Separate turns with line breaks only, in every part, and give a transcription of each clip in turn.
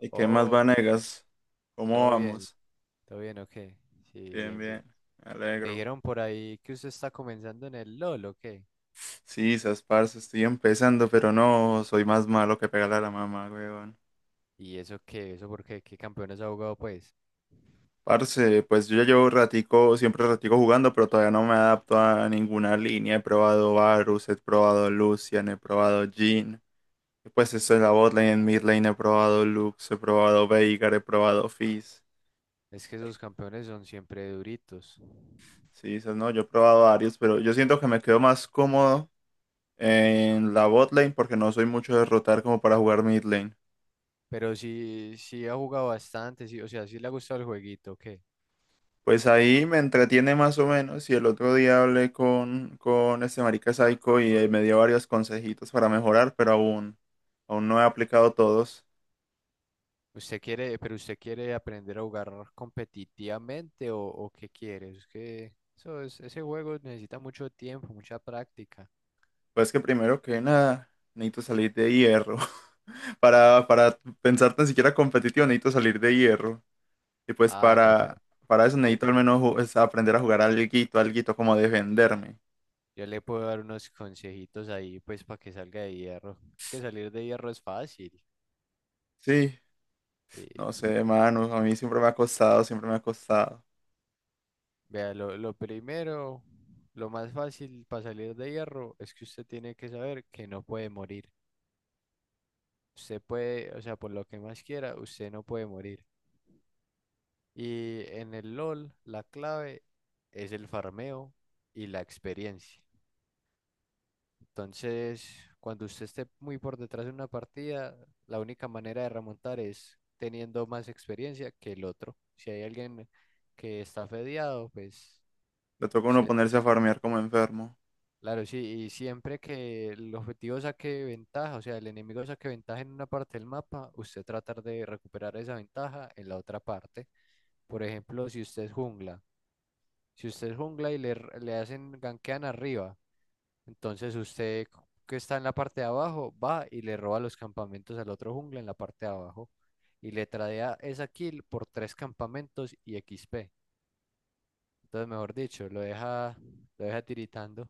¿Y qué más,
Oh,
Vanegas? ¿Cómo
todo bien,
vamos?
todo bien, ok. Sí,
Bien,
bien,
bien,
bien.
me
Me
alegro.
dijeron por ahí que usted está comenzando en el LOL, ¿o qué?
Sí, sas, parce, estoy empezando, pero no, soy más malo que pegarle a la mamá, weón.
¿Y eso qué? ¿Eso por qué? ¿Qué campeones ha jugado, pues?
Parce, pues yo ya llevo ratico, siempre ratico jugando, pero todavía no me adapto a ninguna línea. He probado Varus, he probado Lucian, he probado Jhin. Y pues esto es la
Oh,
botlane, en midlane he probado Lux, he probado Veigar, he probado Fizz.
es que esos campeones son siempre duritos.
Sí, esas. No, yo he probado varios, pero yo siento que me quedo más cómodo en la bot lane, porque no soy mucho de rotar como para jugar mid lane.
Pero sí, sí ha jugado bastante, sí, o sea, sí le ha gustado el jueguito, ¿o qué?
Pues ahí me entretiene más o menos. Y el otro día hablé con este marica Psycho y me dio varios consejitos para mejorar, pero aún no he aplicado todos.
¿Usted quiere, pero usted quiere aprender a jugar competitivamente o qué quiere? Es que ese juego necesita mucho tiempo, mucha práctica.
Pues que primero que nada, necesito salir de hierro. Para pensar tan siquiera competitivo, necesito salir de hierro. Y pues
Ah, no, pero
para eso
yo,
necesito al menos es aprender a jugar alguito, alguito como defenderme.
Yo le puedo dar unos consejitos ahí, pues, para que salga de hierro. Es que salir de hierro es fácil.
Sí.
eh,
No sé, Manu, a mí siempre me ha costado, siempre me ha costado.
vea, lo primero, lo más fácil para salir de hierro es que usted tiene que saber que no puede morir. Usted puede, o sea, por lo que más quiera, usted no puede morir. Y en el LOL, la clave es el farmeo y la experiencia. Entonces, cuando usted esté muy por detrás de una partida, la única manera de remontar es teniendo más experiencia que el otro. Si hay alguien que está fedeado, pues,
Le toca a uno
se-
ponerse a farmear como enfermo.
claro, sí, y siempre que el objetivo saque ventaja, o sea, el enemigo saque ventaja en una parte del mapa, usted tratar de recuperar esa ventaja en la otra parte. Por ejemplo, si usted es jungla y le hacen gankean arriba. Entonces usted que está en la parte de abajo va y le roba los campamentos al otro jungla en la parte de abajo y le tradea esa kill por tres campamentos y XP. Entonces, mejor dicho, lo deja tiritando.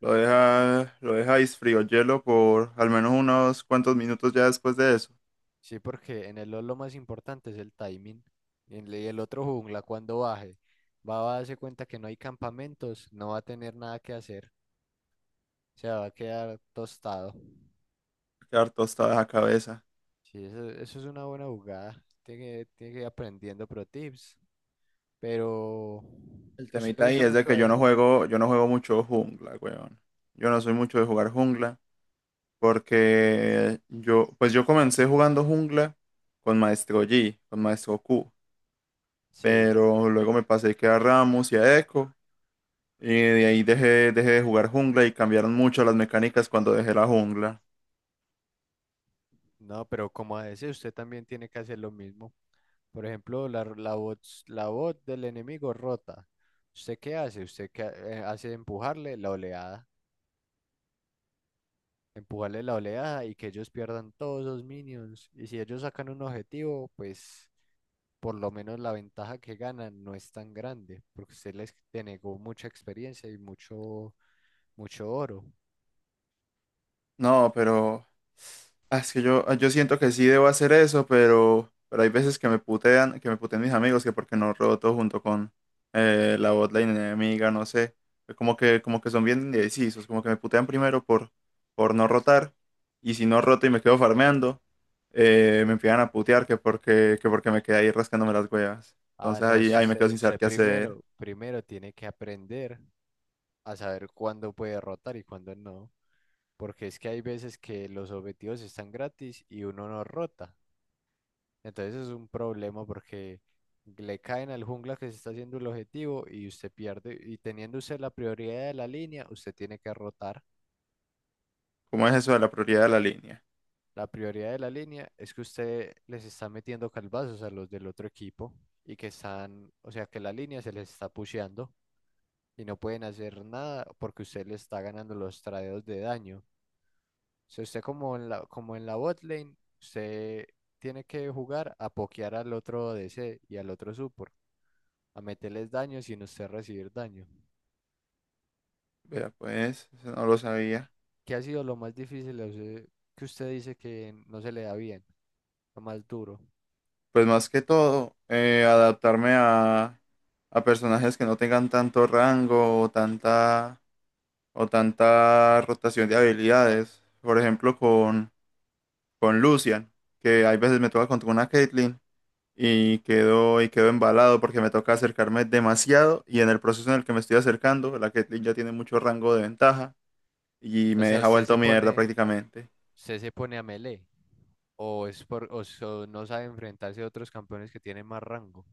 Lo deja frío hielo por al menos unos cuantos minutos ya después de eso.
Sí, porque en el LoL lo más importante es el timing. Y el otro jungla cuando baje va a darse cuenta que no hay campamentos, no va a tener nada que hacer, se va a quedar tostado.
Quedar tostada esa cabeza.
Sí, eso es una buena jugada. Tiene que ir aprendiendo pro tips. Pero
El
usted le
temita ahí
gusta
es de
mucho
que
a
yo no
decir.
juego, yo no juego mucho jungla, weón. Yo no soy mucho de jugar jungla porque yo, pues yo comencé jugando jungla con Maestro Yi, con Maestro Q,
Sí.
pero luego me pasé que a Rammus y a Echo. Y de ahí dejé de jugar jungla y cambiaron mucho las mecánicas cuando dejé la jungla.
No, pero como a veces usted también tiene que hacer lo mismo. Por ejemplo, la voz del enemigo rota. ¿Usted qué hace? Usted hace empujarle la oleada y que ellos pierdan todos los minions. Y si ellos sacan un objetivo, pues por lo menos la ventaja que ganan no es tan grande, porque usted les denegó mucha experiencia y mucho, mucho oro.
No, pero es que yo, yo siento que sí debo hacer eso, pero hay veces que me putean mis amigos, que porque no roto junto con la botlane enemiga, no sé. Como que son bien indecisos, como que me putean primero por no rotar. Y si no roto y me quedo farmeando, me empiezan a putear que porque me quedé ahí rascándome las huevas.
Ah,
Entonces
no,
ahí,
es que
ahí me quedo
usted,
sin saber
usted
qué hacer.
primero tiene que aprender a saber cuándo puede rotar y cuándo no, porque es que hay veces que los objetivos están gratis y uno no rota. Entonces es un problema porque le caen al jungla que se está haciendo el objetivo y usted pierde. Y teniendo usted la prioridad de la línea, usted tiene que rotar.
¿Cómo es eso de la prioridad de la línea?
La prioridad de la línea es que usted les está metiendo calvazos a los del otro equipo y que están, o sea, que la línea se les está pusheando, y no pueden hacer nada porque usted le está ganando los tradeos de daño. Si usted como como en la bot lane, usted tiene que jugar a pokear al otro DC y al otro support, a meterles daño sin usted recibir daño.
Vea, pues, eso no lo sabía.
¿Qué ha sido lo más difícil a usted que usted dice que no se le da bien, lo más duro?
Pues más que todo, adaptarme a personajes que no tengan tanto rango o tanta rotación de habilidades. Por ejemplo, con Lucian, que hay veces me toca contra una Caitlyn y quedo embalado porque me toca acercarme demasiado y en el proceso en el que me estoy acercando, la Caitlyn ya tiene mucho rango de ventaja y
O
me
sea,
deja
usted
vuelto
se
mierda
pone,
prácticamente.
usted se pone a melee o es por, o so- no sabe enfrentarse a otros campeones que tienen más rango.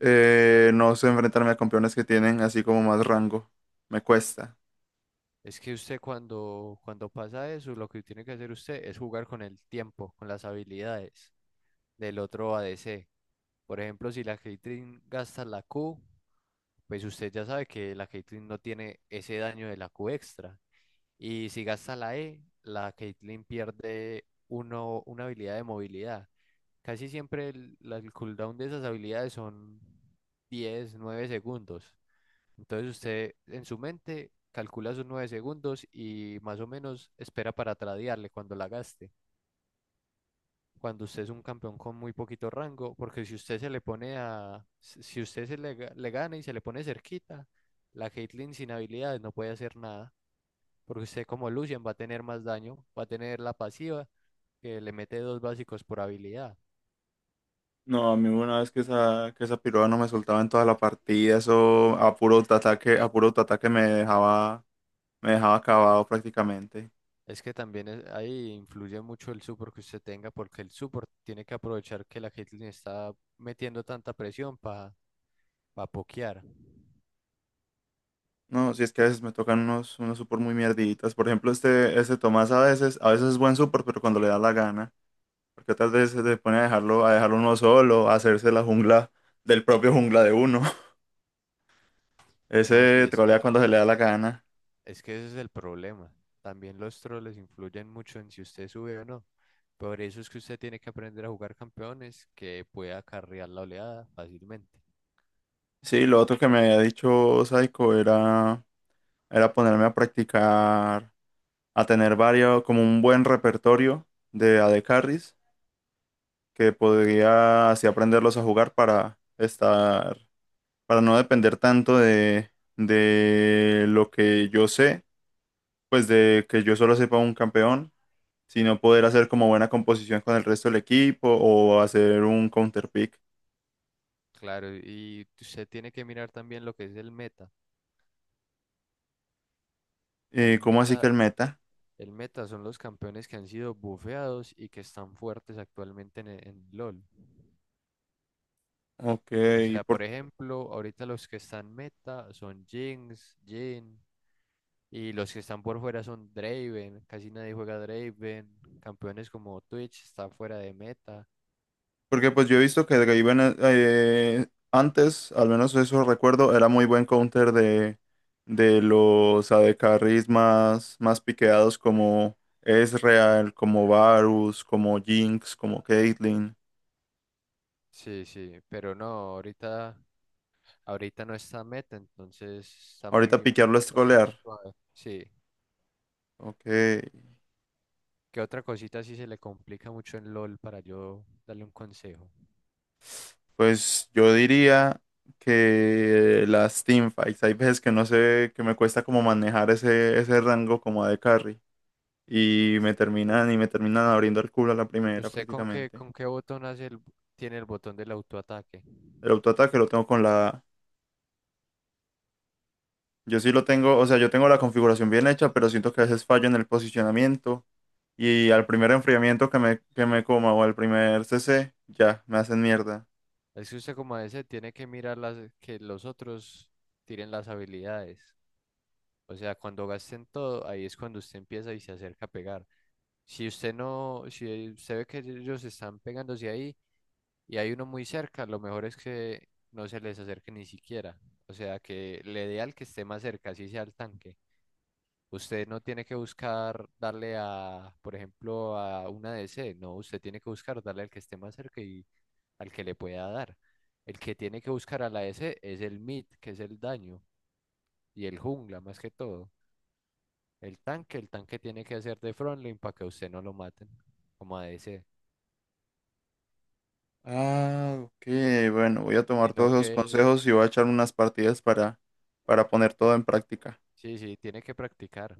No sé enfrentarme a campeones que tienen así como más rango. Me cuesta.
Es que usted cuando pasa eso, lo que tiene que hacer usted es jugar con el tiempo, con las habilidades del otro ADC. Por ejemplo, si la Caitlyn gasta la Q, pues usted ya sabe que la Caitlyn no tiene ese daño de la Q extra. Y si gasta la E, la Caitlyn pierde una habilidad de movilidad. Casi siempre el cooldown de esas habilidades son 10 9 segundos. Entonces usted en su mente calcula sus 9 segundos y más o menos espera para tradearle cuando la gaste. Cuando usted es un campeón con muy poquito rango, porque si usted se le pone a, si si usted se le, ga- le gana y se le pone cerquita, la Caitlyn sin habilidades no puede hacer nada, porque usted como Lucian va a tener más daño, va a tener la pasiva que le mete dos básicos por habilidad.
No, a mí una vez que esa piroa no me soltaba en toda la partida, eso a puro ataque me dejaba acabado prácticamente.
Es que también ahí influye mucho el support que usted tenga, porque el support tiene que aprovechar que la Caitlyn está metiendo tanta presión para pokear.
No, si es que a veces me tocan unos, unos super muy mierditas. Por ejemplo, este Tomás a veces es buen super, pero cuando le da la gana. Porque otras veces se pone a dejarlo uno solo, a hacerse la jungla del propio jungla de uno.
No, sí,
Ese
es que,
trolea cuando se le da la gana.
es que ese es el problema. También los troles influyen mucho en si usted sube o no. Por eso es que usted tiene que aprender a jugar campeones que pueda carrear la oleada fácilmente.
Sí, lo otro que me había dicho Saiko era ponerme a practicar, a tener varios, como un buen repertorio de AD Carries, que podría así aprenderlos a jugar para estar, para no depender tanto de lo que yo sé, pues de que yo solo sepa un campeón, sino poder hacer como buena composición con el resto del equipo o hacer un counter pick.
Claro, y usted tiene que mirar también lo que es el meta. El
¿Cómo así que
meta
el meta?
El meta son los campeones que han sido bufeados y que están fuertes actualmente en LoL.
Ok.
O sea, por ejemplo, ahorita los que están meta son Jinx, Jhin, y los que están por fuera son Draven. Casi nadie juega Draven. Campeones como Twitch está fuera de meta.
Porque pues yo he visto que Draven antes, al menos eso recuerdo, era muy buen counter de los AD carries más, más piqueados como Ezreal, como Varus, como Jinx, como Caitlyn.
Sí, sí, pero no, ahorita no está meta, entonces está
Ahorita
muy
piquearlo es
lo que es
trolear.
suave. Sí.
Ok,
¿Qué otra cosita sí se le complica mucho en LoL para yo darle un consejo?
pues yo diría que las teamfights, hay veces que no sé, que me cuesta como manejar ese, ese rango como AD carry y
Las
me terminan y
teamfights.
me terminan abriendo el culo a la primera
¿Usted con qué,
prácticamente.
con qué botón tiene el botón del autoataque?
El autoataque lo tengo con la... Yo sí lo tengo, o sea, yo tengo la configuración bien hecha, pero siento que a veces fallo en el posicionamiento. Y al primer enfriamiento que me coma o al primer CC, ya, me hacen mierda.
Es que usted como ese tiene que mirar que los otros tiren las habilidades. O sea, cuando gasten todo, ahí es cuando usted empieza y se acerca a pegar. Si usted no, si usted ve que ellos están pegándose ahí y hay uno muy cerca, lo mejor es que no se les acerque ni siquiera. O sea, que le dé al que esté más cerca, así sea al tanque. Usted no tiene que buscar darle a, por ejemplo, a una DC. No, usted tiene que buscar darle al que esté más cerca y al que le pueda dar. El que tiene que buscar a la DC es el mid, que es el daño, y el jungla más que todo. El tanque tiene que hacer de frontline para que usted no lo maten como a DC.
Ah, ok, bueno, voy a tomar
Sino
todos esos
que
consejos y voy a echar unas partidas para poner todo en práctica.
sí, sí, tiene que practicar.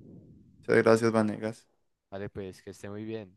Muchas gracias, Vanegas.
Vale, pues que esté muy bien.